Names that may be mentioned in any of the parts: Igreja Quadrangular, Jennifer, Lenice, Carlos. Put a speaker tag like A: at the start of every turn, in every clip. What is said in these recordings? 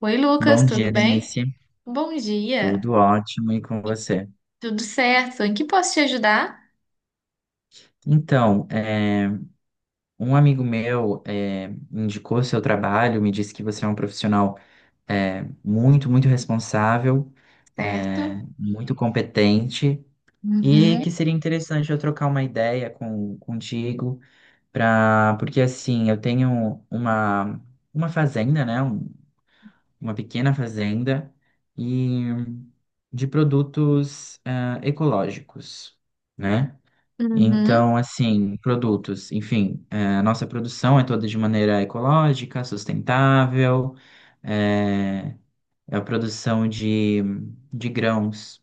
A: Oi, Lucas,
B: Bom
A: tudo
B: dia,
A: bem?
B: Lenice.
A: Bom dia.
B: Tudo ótimo e com
A: E-
B: você?
A: Tudo certo? Em que posso te ajudar?
B: Então, é, um amigo meu indicou seu trabalho, me disse que você é um profissional muito responsável,
A: Certo.
B: muito competente e que
A: Uhum,
B: seria interessante eu trocar uma ideia contigo, porque assim, eu tenho uma fazenda, né? Uma pequena fazenda e de produtos ecológicos, né?
A: uhum,
B: Então, assim, produtos, enfim, a nossa produção é toda de maneira ecológica, sustentável, eh, a produção de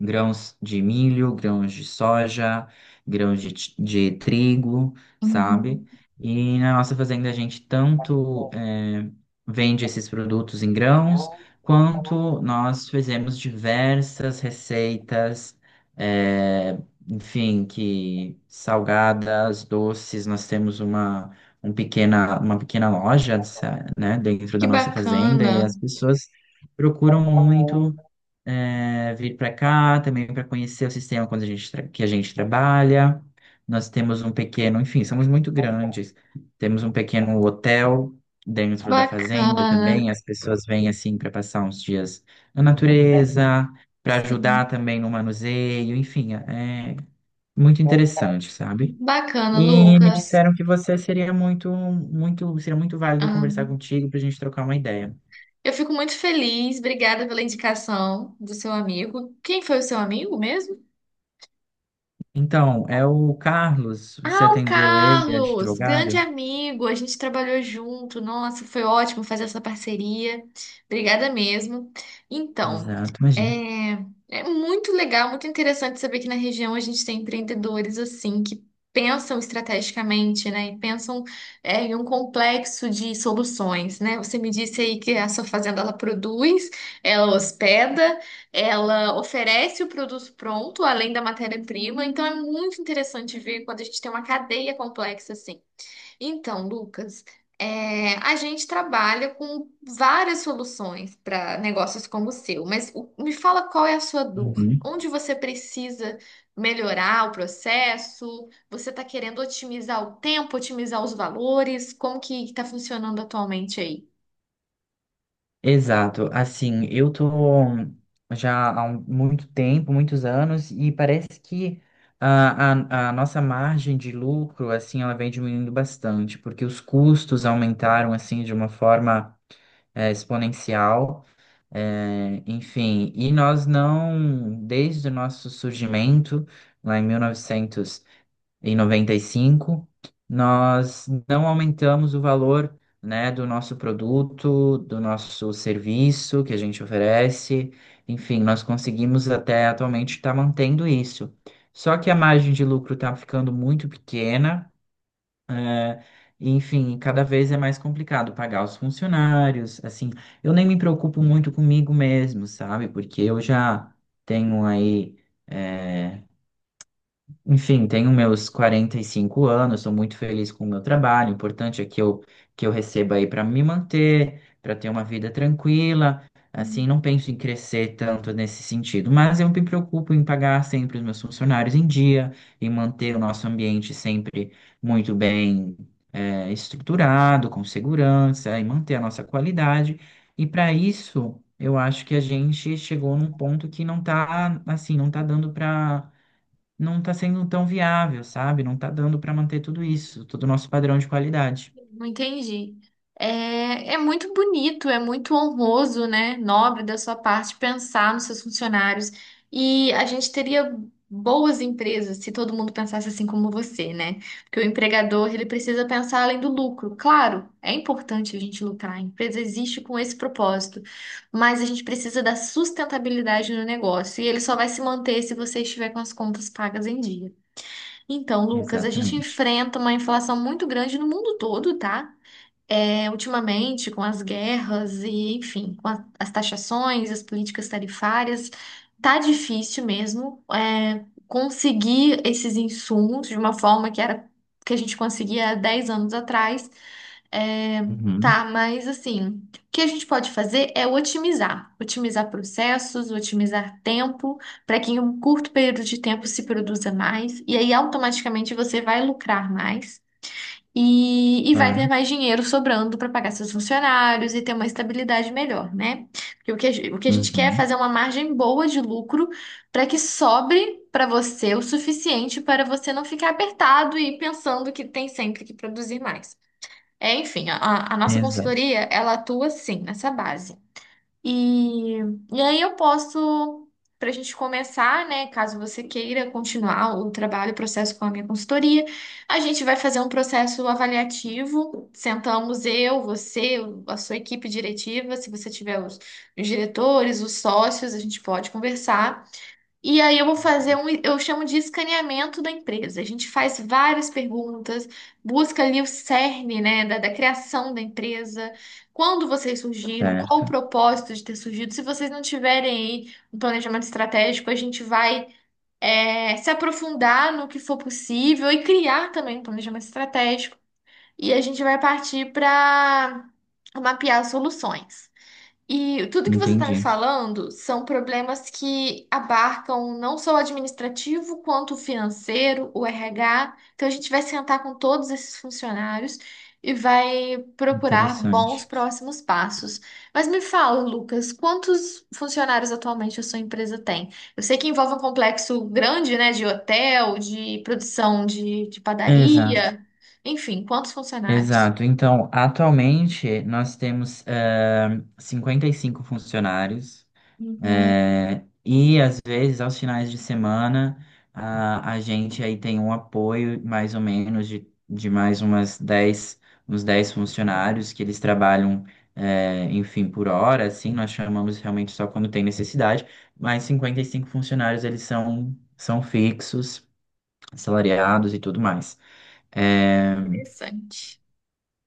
B: grãos de milho, grãos de soja, de trigo, sabe?
A: uhum.
B: E na nossa fazenda a gente tanto vende esses produtos em grãos, quanto nós fizemos diversas receitas, eh, enfim, que salgadas, doces, um pequena, uma pequena loja, né, dentro
A: Que
B: da nossa fazenda e
A: bacana.
B: as pessoas procuram muito vir para cá também para conhecer o sistema quando a gente tra- que a gente trabalha. Nós temos um pequeno, enfim, somos muito grandes. Temos um pequeno hotel dentro da fazenda
A: Bacana.
B: também. As pessoas vêm assim para passar uns dias na natureza, para ajudar
A: Sim.
B: também no manuseio, enfim, é muito interessante, sabe?
A: Bacana,
B: E me
A: Lucas.
B: disseram que você seria muito válido
A: Ah,
B: conversar contigo para a gente trocar uma ideia.
A: eu fico muito feliz. Obrigada pela indicação do seu amigo. Quem foi o seu amigo mesmo?
B: Então, é o Carlos, você
A: Ah, o
B: atendeu ele, é
A: Carlos,
B: advogado?
A: grande amigo, a gente trabalhou junto. Nossa, foi ótimo fazer essa parceria. Obrigada mesmo. Então,
B: Exato,
A: é,
B: imagina.
A: é muito legal, muito interessante saber que na região a gente tem empreendedores assim que pensam estrategicamente, né? E pensam em um complexo de soluções, né? Você me disse aí que a sua fazenda ela produz, ela hospeda. Ela oferece o produto pronto, além da matéria-prima, então é muito interessante ver quando a gente tem uma cadeia complexa assim. Então, Lucas, é, a gente trabalha com várias soluções para negócios como o seu, mas me fala qual é a sua dor,
B: Uhum.
A: onde você precisa melhorar o processo, você está querendo otimizar o tempo, otimizar os valores, como que está funcionando atualmente aí?
B: Exato, assim, eu tô já muito tempo, muitos anos, e parece que a nossa margem de lucro, assim, ela vem diminuindo bastante, porque os custos aumentaram, assim, de uma forma exponencial, enfim, e nós não, desde o nosso surgimento, lá em 1995 nós não aumentamos o valor, né, do nosso produto, do nosso serviço que a gente oferece. Enfim, nós conseguimos até atualmente estar mantendo isso. Só que a margem de lucro está ficando muito pequena, é, e, enfim, cada vez é mais complicado pagar os funcionários. Assim, eu nem me preocupo muito comigo mesmo, sabe? Porque eu já tenho aí eh, enfim, tenho meus 45 anos, sou muito feliz com o meu trabalho. O importante é que que eu receba aí para me manter, para ter uma vida tranquila. Assim, não penso em crescer tanto nesse sentido, mas eu me preocupo em pagar sempre os meus funcionários em dia e manter o nosso ambiente sempre muito bem, estruturado, com segurança e manter a nossa qualidade. E para isso, eu acho que a gente chegou num ponto que não está assim, não está dando para não está sendo tão viável, sabe? Não está dando para manter tudo isso, todo o nosso padrão de qualidade.
A: Não entendi. É, é muito bonito, é muito honroso, né? Nobre da sua parte pensar nos seus funcionários. E a gente teria boas empresas se todo mundo pensasse assim como você, né? Porque o empregador, ele precisa pensar além do lucro. Claro, é importante a gente lucrar. A empresa existe com esse propósito. Mas a gente precisa da sustentabilidade no negócio. E ele só vai se manter se você estiver com as contas pagas em dia. Então, Lucas, a gente
B: Exatamente.
A: enfrenta uma inflação muito grande no mundo todo, tá? É, ultimamente, com as guerras e, enfim, com as taxações, as políticas tarifárias, tá difícil mesmo, é, conseguir esses insumos de uma forma que era que a gente conseguia há 10 anos atrás. É,
B: Uhum,
A: tá, mas assim, o que a gente pode fazer é otimizar, otimizar processos, otimizar tempo, para que em um curto período de tempo se produza mais, e aí automaticamente você vai lucrar mais. E vai ter
B: claro.
A: mais dinheiro sobrando para pagar seus funcionários e ter uma estabilidade melhor, né? Porque o que o que a gente quer é
B: Uhum,
A: fazer uma margem boa de lucro para que sobre para você o suficiente para você não ficar apertado e pensando que tem sempre que produzir mais. É, enfim, a nossa
B: exato.
A: consultoria, ela atua sim nessa base. E, e aí eu posso, para a gente começar, né? Caso você queira continuar o trabalho, o processo com a minha consultoria, a gente vai fazer um processo avaliativo. Sentamos eu, você, a sua equipe diretiva, se você tiver os diretores, os sócios, a gente pode conversar. E aí eu vou fazer
B: Uhum.
A: um, eu chamo de escaneamento da empresa. A gente faz várias perguntas, busca ali o cerne, né, da criação da empresa, quando vocês surgiram, qual o
B: Certo,
A: propósito de ter surgido. Se vocês não tiverem aí um planejamento estratégico, a gente vai, é, se aprofundar no que for possível e criar também um planejamento estratégico. E a gente vai partir para mapear soluções. E tudo que você está me
B: entendi.
A: falando são problemas que abarcam não só o administrativo, quanto o financeiro, o RH. Então, a gente vai sentar com todos esses funcionários e vai procurar bons
B: Interessante.
A: próximos passos. Mas me fala, Lucas, quantos funcionários atualmente a sua empresa tem? Eu sei que envolve um complexo grande, né, de hotel, de produção de
B: Exato,
A: padaria, enfim, quantos funcionários?
B: exato. Então, atualmente, nós temos 55 funcionários.
A: Uhum.
B: É, e às vezes, aos finais de semana, a gente aí tem um apoio mais ou menos de mais umas 10 uns 10 funcionários que eles trabalham, é, enfim, por hora, assim, nós chamamos realmente só quando tem necessidade, mas 55 funcionários eles são, são fixos, assalariados e tudo mais. É,
A: Interessante.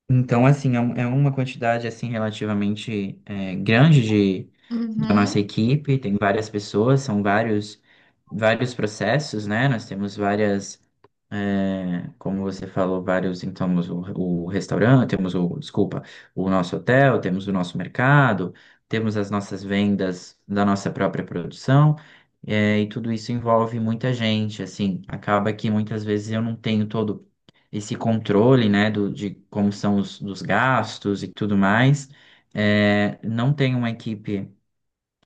B: então, assim, é uma quantidade, assim, relativamente grande da nossa
A: Uhum.
B: equipe, tem várias pessoas, vários processos, né? Nós temos como você falou, vários, então, o restaurante, desculpa, o nosso hotel, temos o nosso mercado, temos as nossas vendas da nossa própria produção, é, e tudo isso envolve muita gente, assim, acaba que muitas vezes eu não tenho todo esse controle, né, de como são os dos gastos e tudo mais. É, não tem uma equipe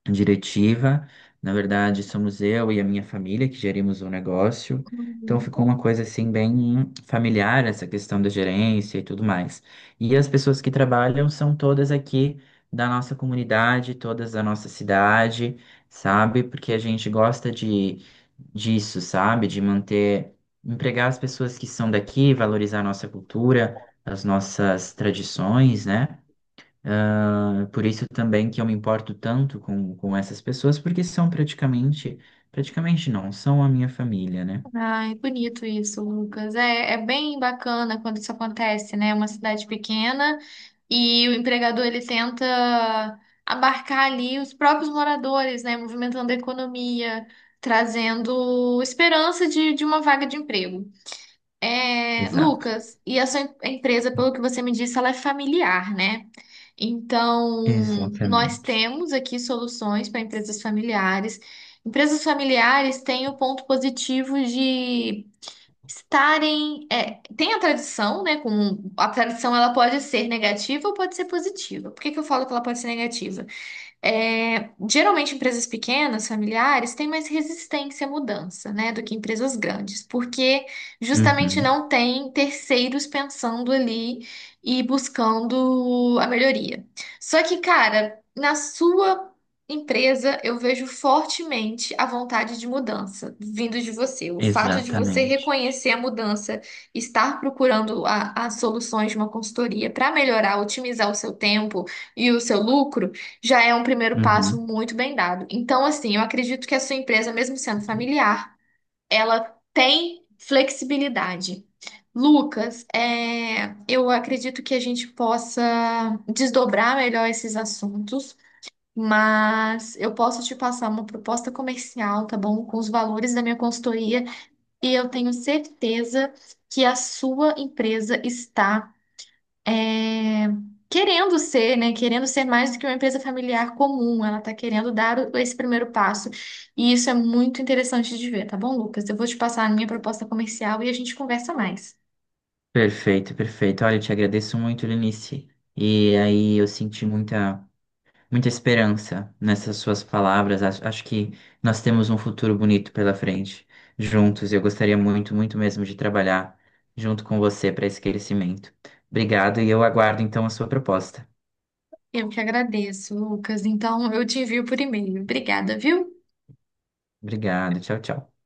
B: diretiva. Na verdade, somos eu e a minha família que gerimos o negócio. Então ficou
A: Uhum.
B: uma coisa assim bem familiar essa questão da gerência e tudo mais. E as pessoas que trabalham são todas aqui da nossa comunidade, todas da nossa cidade, sabe? Porque a gente gosta de disso, sabe? De manter, empregar as pessoas que são daqui, valorizar a nossa cultura, as nossas tradições, né? Ah, por isso também que eu me importo tanto com essas pessoas, porque são praticamente, praticamente não, são a minha família, né?
A: Ai, bonito isso, Lucas. É, é bem bacana quando isso acontece, né? Uma cidade pequena e o empregador ele tenta abarcar ali os próprios moradores, né? Movimentando a economia, trazendo esperança de uma vaga de emprego. É,
B: Exato,
A: Lucas, e a sua empresa, pelo que você me disse, ela é familiar, né? Então, nós
B: exatamente.
A: temos aqui soluções para empresas familiares. Empresas familiares têm o ponto positivo de estarem, é, tem a tradição, né? Com, a tradição ela pode ser negativa ou pode ser positiva. Por que que eu falo que ela pode ser negativa? É, geralmente empresas pequenas, familiares, têm mais resistência à mudança, né, do que empresas grandes, porque justamente
B: Uhum,
A: não tem terceiros pensando ali e buscando a melhoria. Só que, cara, na sua empresa eu vejo fortemente a vontade de mudança vindo de você. O fato de você
B: exatamente.
A: reconhecer a mudança, estar procurando as soluções de uma consultoria para melhorar, otimizar o seu tempo e o seu lucro já é um primeiro passo
B: Uhum.
A: muito bem dado. Então, assim, eu acredito que a sua empresa, mesmo sendo familiar, ela tem flexibilidade. Lucas, é, eu acredito que a gente possa desdobrar melhor esses assuntos, mas eu posso te passar uma proposta comercial, tá bom? Com os valores da minha consultoria, e eu tenho certeza que a sua empresa está é, querendo ser, né? Querendo ser mais do que uma empresa familiar comum. Ela está querendo dar esse primeiro passo. E isso é muito interessante de ver, tá bom, Lucas? Eu vou te passar a minha proposta comercial e a gente conversa mais.
B: Perfeito, perfeito. Olha, eu te agradeço muito, Lenice. E aí eu senti muita esperança nessas suas palavras. Acho que nós temos um futuro bonito pela frente, juntos. Eu gostaria muito mesmo de trabalhar junto com você para esse crescimento. Obrigado e eu aguardo então a sua proposta.
A: Eu que agradeço, Lucas. Então, eu te envio por e-mail. Obrigada, viu?
B: Obrigado, tchau, tchau.